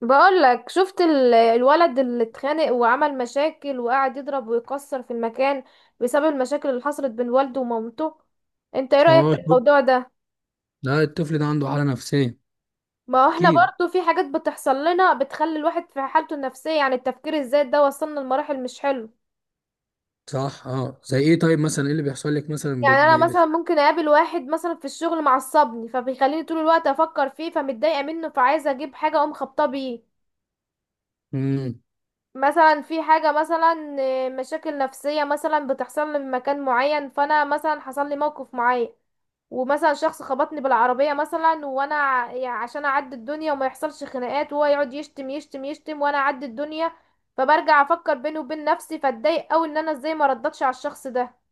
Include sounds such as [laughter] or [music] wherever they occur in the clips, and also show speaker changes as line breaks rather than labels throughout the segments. بقول لك شفت الولد اللي اتخانق وعمل مشاكل وقعد يضرب ويكسر في المكان بسبب المشاكل اللي حصلت بين والده ومامته. انت ايه رأيك في
اه.
الموضوع ده؟
لا، الطفل ده عنده حالة نفسية.
ما هو احنا
أكيد.
برضو في حاجات بتحصل لنا بتخلي الواحد في حالته النفسية، يعني التفكير الزايد ده وصلنا لمراحل مش حلو.
صح، اه، زي إيه؟ طيب مثلا، إيه اللي بيحصل لك مثلا؟
يعني انا مثلا ممكن اقابل واحد مثلا في الشغل معصبني، فبيخليني طول الوقت افكر فيه، فمتضايقة منه، فعايزة اجيب حاجة اقوم خبطاه بيه.
مم.
مثلا في حاجة مثلا مشاكل نفسية مثلا بتحصل لي من مكان معين، فانا مثلا حصل لي موقف معين. ومثلا شخص خبطني بالعربية مثلا، وانا يعني عشان اعدي الدنيا وما يحصلش خناقات، وهو يقعد يشتم يشتم يشتم وانا اعدي الدنيا. فبرجع افكر بيني وبين نفسي، فاتضايق اوي ان انا ازاي ما ردتش على الشخص ده.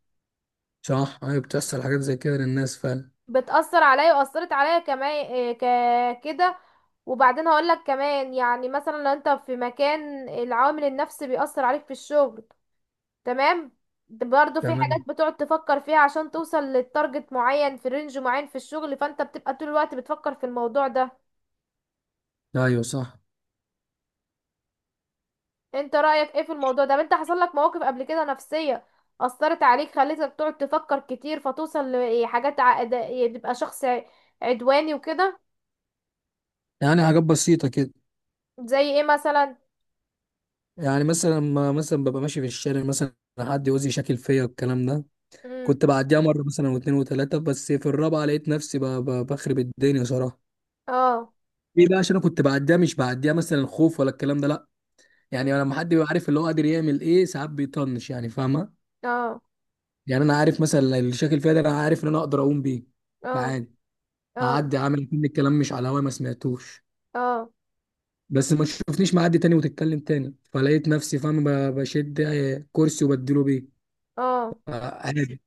صح، أيوة، بتحصل حاجات زي كده للناس فعلا.
بتأثر عليا واثرت عليا كمان، كده. وبعدين هقولك كمان، يعني مثلا لو انت في مكان العامل النفسي بيأثر عليك في الشغل، تمام. برضه في
تمام.
حاجات بتقعد تفكر فيها عشان توصل للتارجت معين في رينج معين في الشغل، فانت بتبقى طول الوقت بتفكر في الموضوع ده.
أيوة صح.
انت رأيك ايه في الموضوع ده؟ طب انت حصل لك مواقف قبل كده نفسية أثرت عليك، خليتك تقعد تفكر كتير فتوصل لحاجات تبقى شخص عدواني وكده.
يعني حاجات بسيطة كده.
زي ايه مثلا؟
يعني مثلا، ما مثلا ببقى ماشي في الشارع مثلا حد يوزي شكل فيا والكلام ده.
امم.
كنت بعديها مرة مثلا، واتنين وتلاتة، بس في الرابعة لقيت نفسي بخرب الدنيا صراحة.
اه.
ليه بقى؟ عشان انا كنت بعديها، مش بعديها مثلا خوف ولا الكلام ده، لا.
مم.
يعني لما حد بيبقى عارف اللي هو قادر يعمل ايه، ساعات بيطنش، يعني فاهمة؟
اه.
يعني انا عارف مثلا الشكل فيها ده، انا عارف ان انا اقدر اقوم بيه،
اه.
فعادي.
اه.
هعدي عامل كل الكلام مش على هواي، ما سمعتوش.
اه.
بس ما تشوفنيش معدي تاني وتتكلم تاني، فلقيت نفسي فاهم بشد كرسي وبديله بيه.
اه.
عادي.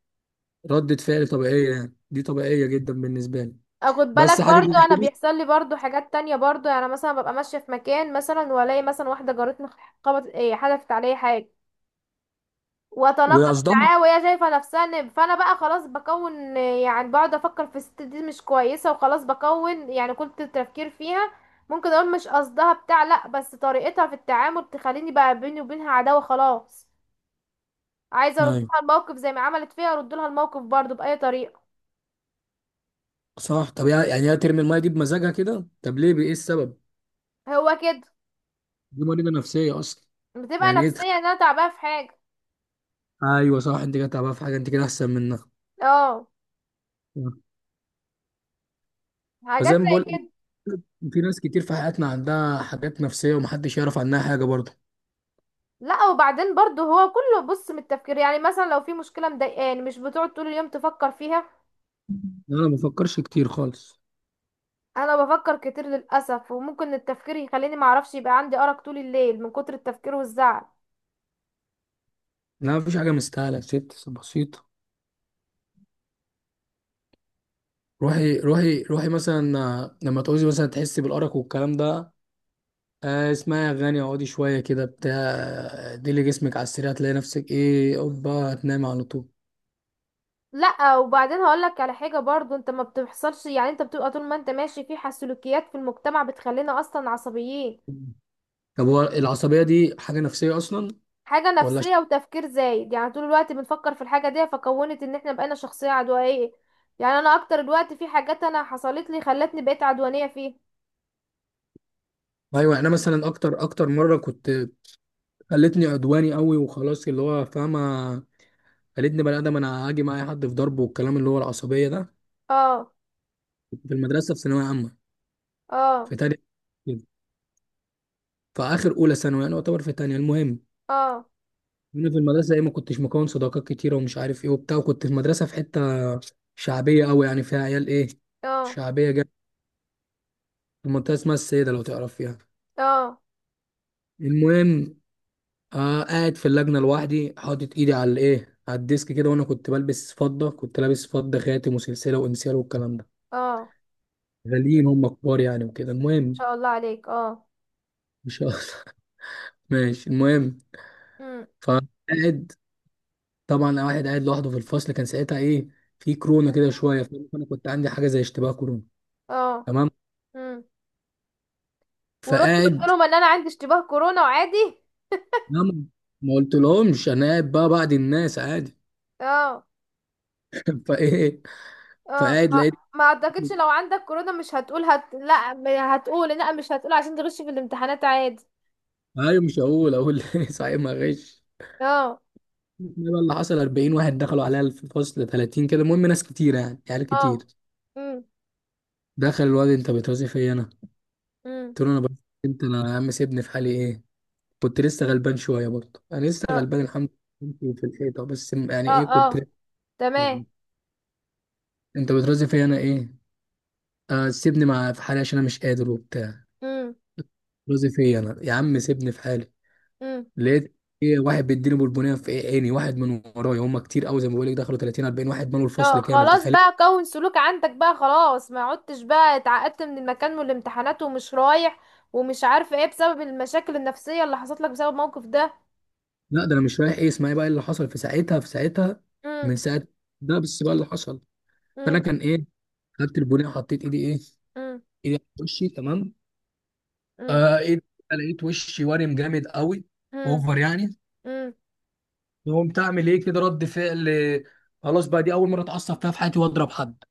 ردة فعل طبيعية، يعني دي طبيعية جدا بالنسبة لي.
اخد
بس
بالك
حاجة
برضو
زي
انا
كده.
بيحصل لي برضو حاجات تانية برضو، يعني مثلا ببقى ماشية في مكان مثلا، والاقي مثلا واحدة جارتني خبط، ايه حدفت عليا حاجة، واتناقض
وقصدها؟
معاها، وهي شايفة نفسها فانا بقى خلاص بكون، يعني بقعد افكر في الست دي مش كويسة، وخلاص بكون يعني كنت التفكير فيها. ممكن اقول مش قصدها بتاع، لا بس طريقتها في التعامل تخليني بقى بيني وبينها عداوة خلاص. عايزة
ايوه
اردلها الموقف زي ما عملت فيها اردلها الموقف برضو بأي طريقة.
صح. طب يعني هي ترمي المية دي بمزاجها كده، طب ليه؟ ايه السبب؟
هو كده.
دي مريضة نفسية اصلا.
بتبقى
يعني ايه
نفسيا ان انا تعبانة في حاجة.
ايوه صح، انت كده تعبانة في حاجة، انت كده احسن منها.
اه.
مم.
حاجات
فزي ما
زي
بقول،
كده.
في ناس كتير في حياتنا عندها حاجات نفسية ومحدش يعرف عنها حاجة برضه.
لا وبعدين برضو هو كله بص من التفكير، يعني مثلا لو في مشكلة مضايقاني مش بتقعد طول اليوم تفكر فيها.
أنا ما بفكرش كتير خالص.
انا بفكر كتير للأسف، وممكن التفكير يخليني معرفش، يبقى عندي أرق طول الليل من كتر التفكير والزعل.
لا، مفيش حاجة مستاهلة، ست بسيطة. روحي روحي روحي مثلا، لما تعوزي مثلا تحسي بالأرق والكلام ده، اسمعي أغاني، اقعدي شوية كده بتاع، ديلي جسمك على السريع، هتلاقي نفسك إيه، أوبا، هتنامي على طول.
لا وبعدين هقولك على حاجة برضو انت ما بتحصلش، يعني انت بتبقى طول ما انت ماشي في سلوكيات في المجتمع بتخلينا اصلا عصبيين.
طب هو العصبية دي حاجة نفسية أصلا؟
حاجة
ولا ش-
نفسية وتفكير زايد، يعني طول الوقت بنفكر في الحاجة دي، فكونت ان احنا بقينا شخصية عدوانية. يعني انا اكتر الوقت في حاجات انا حصلت لي خلتني بقيت عدوانية فيها.
أيوة. أنا مثلا أكتر أكتر مرة كنت، خلتني عدواني قوي وخلاص، اللي هو فاهمة؟ خلتني بني ادم، انا هاجي معايا حد في ضربه والكلام، اللي هو العصبيه ده.
اه.
كنت في المدرسه، في ثانويه عامه،
اه.
في تانية كده، في اخر اولى ثانوي، يعني يعتبر في تانية. المهم،
اه.
انا في المدرسه، ايه، ما كنتش مكون صداقات كتيره ومش عارف ايه وبتاع، وكنت في مدرسه في حته شعبيه قوي، يعني فيها عيال ايه،
اه.
شعبيه جدا. في منطقه اسمها السيده، لو تعرف فيها.
اه.
المهم، آه، قاعد في اللجنه لوحدي، حاطط ايدي على الايه، على الديسك كده، وانا كنت بلبس فضه، كنت لابس فضه، خاتم وسلسله وانسيال والكلام ده،
اه. ان
غاليين، هم كبار يعني، وكده. المهم،
شاء الله عليك. اه.
مش [laughs] ماشي. المهم،
امم.
فقاعد. طبعا أنا واحد قاعد لوحده في الفصل، كان ساعتها ايه، في كورونا كده شويه، فانا كنت عندي حاجه زي اشتباه كورونا.
اه.
تمام.
امم. ورحت قلت
فقاعد،
لهم ان انا عندي اشتباه كورونا وعادي.
نعم، ما قلتلهمش، انا قاعد بقى بعد الناس عادي
اه.
[laughs] فايه،
اه.
فقاعد
ما
لقيت،
ما اعتقدش لو عندك كورونا مش هتقول لا ما هتقول، لا مش هتقول عشان تغش في الامتحانات عادي.
ايوه مش هقول، اقول [laughs] إيه، صحيح ما غش.
اه.
إيه بقى اللي حصل؟ 40 واحد دخلوا عليا في الفصل، 30 كده، المهم ناس كتير يعني، عيال
اه.
كتير.
امم.
دخل الواد، انت بترازي فيا انا؟
امم.
قلت له، انا بس، انت انا؟ يا عم سيبني في حالي، ايه، كنت لسه غلبان شويه برضه، انا لسه
اه.
غلبان الحمد لله في الحيطه، بس يعني
اه.
ايه كنت،
اه. تمام.
يعني انت بترازي فيا انا ايه؟ آه سيبني مع في حالي عشان انا مش قادر وبتاع، بترازي فيا انا، يا عم سيبني في حالي.
امم.
لقيت ايه؟ واحد بيديني بالبنيه في إيه، عيني، واحد من ورايا، هم كتير قوي زي ما بقول لك، دخلوا 30، 40 واحد، مالوا
اه
الفصل كامل،
خلاص
تخيل.
بقى كون سلوك عندك بقى خلاص، ما عدتش بقى اتعقدت من المكان والامتحانات، ومش رايح ومش عارفه ايه بسبب المشاكل النفسيه اللي حصلت لك بسبب الموقف ده.
لا، ده انا مش رايح، ايه، اسمعي بقى اللي حصل في ساعتها، في ساعتها،
امم.
من ساعه، ده بس بقى اللي حصل. فانا
امم.
كان ايه، خدت البنيه، حطيت ايدي ايه،
امم.
ايدي على وشي، تمام.
امم.
آه، ايه ده؟ لقيت وشي وارم جامد قوي،
امم.
اوفر يعني.
امم.
قمت اعمل ايه كده رد فعل، خلاص بقى، دي اول مره اتعصب فيها في حياتي واضرب حد.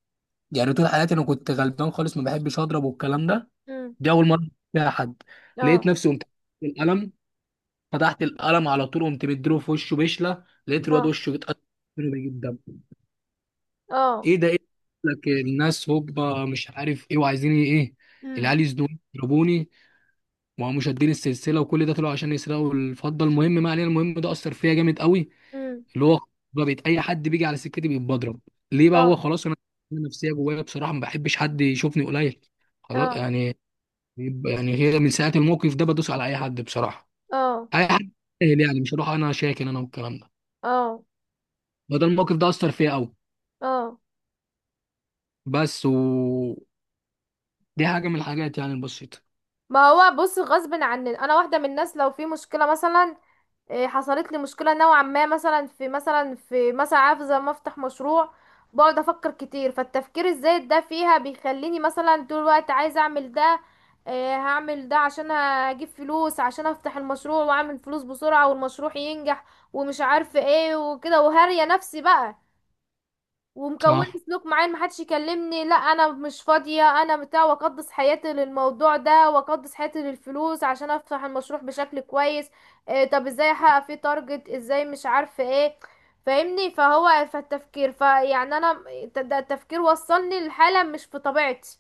يعني طول حياتي انا كنت غلبان خالص، ما بحبش اضرب والكلام ده.
امم.
دي اول مره فيها حد. لقيت
اه.
نفسي قمت، القلم، فتحت القلم على طول، قمت مديله في وشه بشله، لقيت الواد
اه.
وشه اتقطع منه بيجيب دم.
اه.
ايه ده، ايه ده؟ لك الناس هوبا، مش عارف ايه وعايزين ايه،
امم.
العيال يزنوني يضربوني، ما هو مشادين السلسله وكل ده، طلعوا عشان يسرقوا الفضه. المهم ما علينا. المهم ده اثر فيا جامد قوي،
امم.
اللي هو، بقى بقيت اي حد بيجي على سكتي بيبقى بضرب. ليه بقى؟
اه.
هو خلاص انا، أنا نفسيه جوايا بصراحه ما بحبش حد يشوفني قليل، خلاص
اه.
يعني. يعني هي من ساعه الموقف ده بدوس على اي حد بصراحه،
اه.
اي حد، سهل يعني، مش هروح انا شاكن انا والكلام ده.
اه.
فده الموقف ده اثر فيا قوي.
اه.
بس، و دي حاجه من الحاجات يعني البسيطه.
ما هو بص غصب عني انا واحده من الناس لو في مشكله مثلا، حصلت لي مشكلة نوعا ما مثلا في مثلا عارفة زي ما افتح مشروع، بقعد افكر كتير، فالتفكير الزايد ده فيها بيخليني مثلا طول الوقت عايزة اعمل ده. هعمل ده عشان اجيب فلوس عشان افتح المشروع واعمل فلوس بسرعة والمشروع ينجح، ومش عارفة ايه وكده وهرية نفسي بقى. ومكون
صح،
سلوك معين، محدش يكلمني، لا انا مش فاضية انا بتاع، واقدس حياتي للموضوع ده واقدس حياتي للفلوس عشان افتح المشروع بشكل كويس. طب ازاي احقق فيه تارجت ازاي مش عارفة ايه. فاهمني، فهو فالتفكير فيعني انا، ده التفكير وصلني لحالة مش في طبيعتي.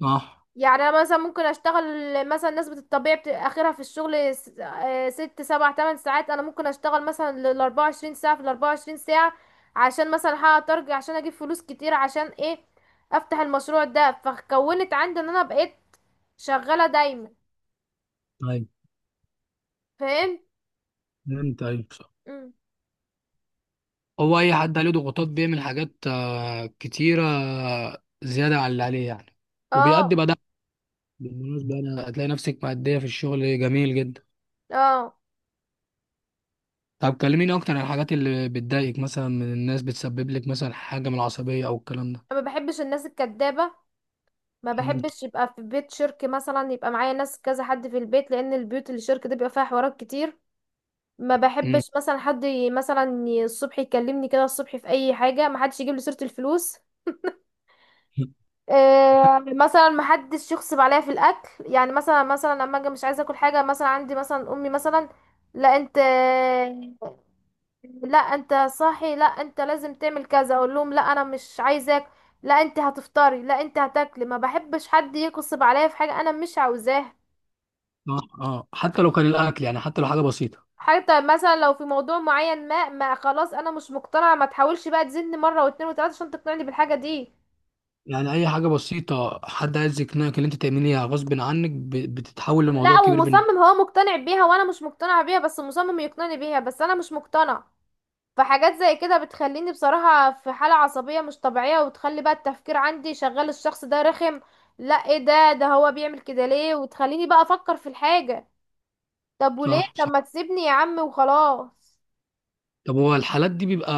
صح.
يعني انا مثلا ممكن اشتغل مثلا نسبة الطبيعي اخرها في الشغل 6 7 8 ساعات، انا ممكن اشتغل مثلا لل 24 ساعة في ال 24 ساعة، عشان مثلا احقق تارجت، عشان اجيب فلوس كتير، عشان ايه، افتح المشروع ده. فكونت عندي ان انا بقيت شغالة دايما.
طيب،
فاهم.
انت طيب؟
مم.
هو اي حد عليه ضغوطات بيعمل حاجات كتيره، زياده عن اللي عليه يعني، وبيأدي
اه.
بقى ده. بالمناسبه انا هتلاقي نفسك مأديه في الشغل جميل جدا.
اه.
طب كلميني اكتر عن الحاجات اللي بتضايقك مثلا من الناس، بتسبب لك مثلا حاجه من العصبيه او الكلام ده.
ما بحبش الناس الكدابة. ما بحبش يبقى في بيت شركة مثلا يبقى معايا ناس كذا حد في البيت، لان البيوت اللي شركة دي بيبقى فيها حوارات كتير. ما
امم
بحبش
[laughs]
مثلا حد الصبح يكلمني كده الصبح في اي حاجه، ما حدش يجيب لي سيره الفلوس. مثلا ما حدش يغصب عليا في الاكل، يعني مثلا لما اجي مش عايزه اكل حاجه، مثلا عندي مثلا امي مثلا، لا انت [sniffs] لا انت صاحي، لا انت لازم تعمل كذا، اقول لهم لا انا مش عايزاك، لا انت هتفطري، لا انت هتاكلي. ما بحبش حد يغصب عليا في حاجه انا مش عاوزاها.
اه، اه، حتى لو كان الاكل، يعني حتى لو حاجه بسيطه.
حتى مثلا لو في موضوع معين، ما خلاص انا مش مقتنعه، ما تحاولش بقى تزني مره واتنين وتلاته عشان تقنعني بالحاجه دي.
يعني اي حاجه بسيطه حد عايز يقنعك ان انت تعمليها غصب عنك بتتحول لموضوع
لا
كبير بالنسبه.
ومصمم، هو مقتنع بيها وانا مش مقتنعه بيها بس مصمم يقنعني بيها بس انا مش مقتنع. فحاجات زي كده بتخليني بصراحه في حاله عصبيه مش طبيعيه، وتخلي بقى التفكير عندي شغال، الشخص ده رخم. لا ايه ده، هو بيعمل كده ليه، وتخليني بقى افكر في الحاجه. طب وليه،
صح،
طب
صح.
ما تسيبني يا عم وخلاص.
طب هو الحالات دي بيبقى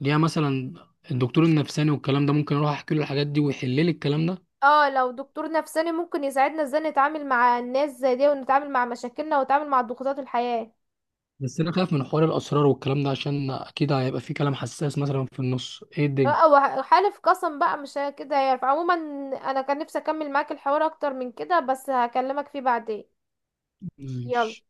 ليها مثلا الدكتور النفساني والكلام ده، ممكن اروح احكي له الحاجات دي ويحل لي الكلام ده؟
اه لو دكتور نفساني ممكن يساعدنا ازاي نتعامل مع الناس زي دي، ونتعامل مع مشاكلنا، ونتعامل مع ضغوطات الحياة.
بس انا خايف من حوار الاسرار والكلام ده عشان اكيد هيبقى في كلام حساس مثلا في النص، ايه الدنيا.
لا وحالف قسم بقى مش كده هيعرف عموما. انا كان نفسي اكمل معاك الحوار اكتر من كده، بس هكلمك فيه بعدين. يلا.
ماشي.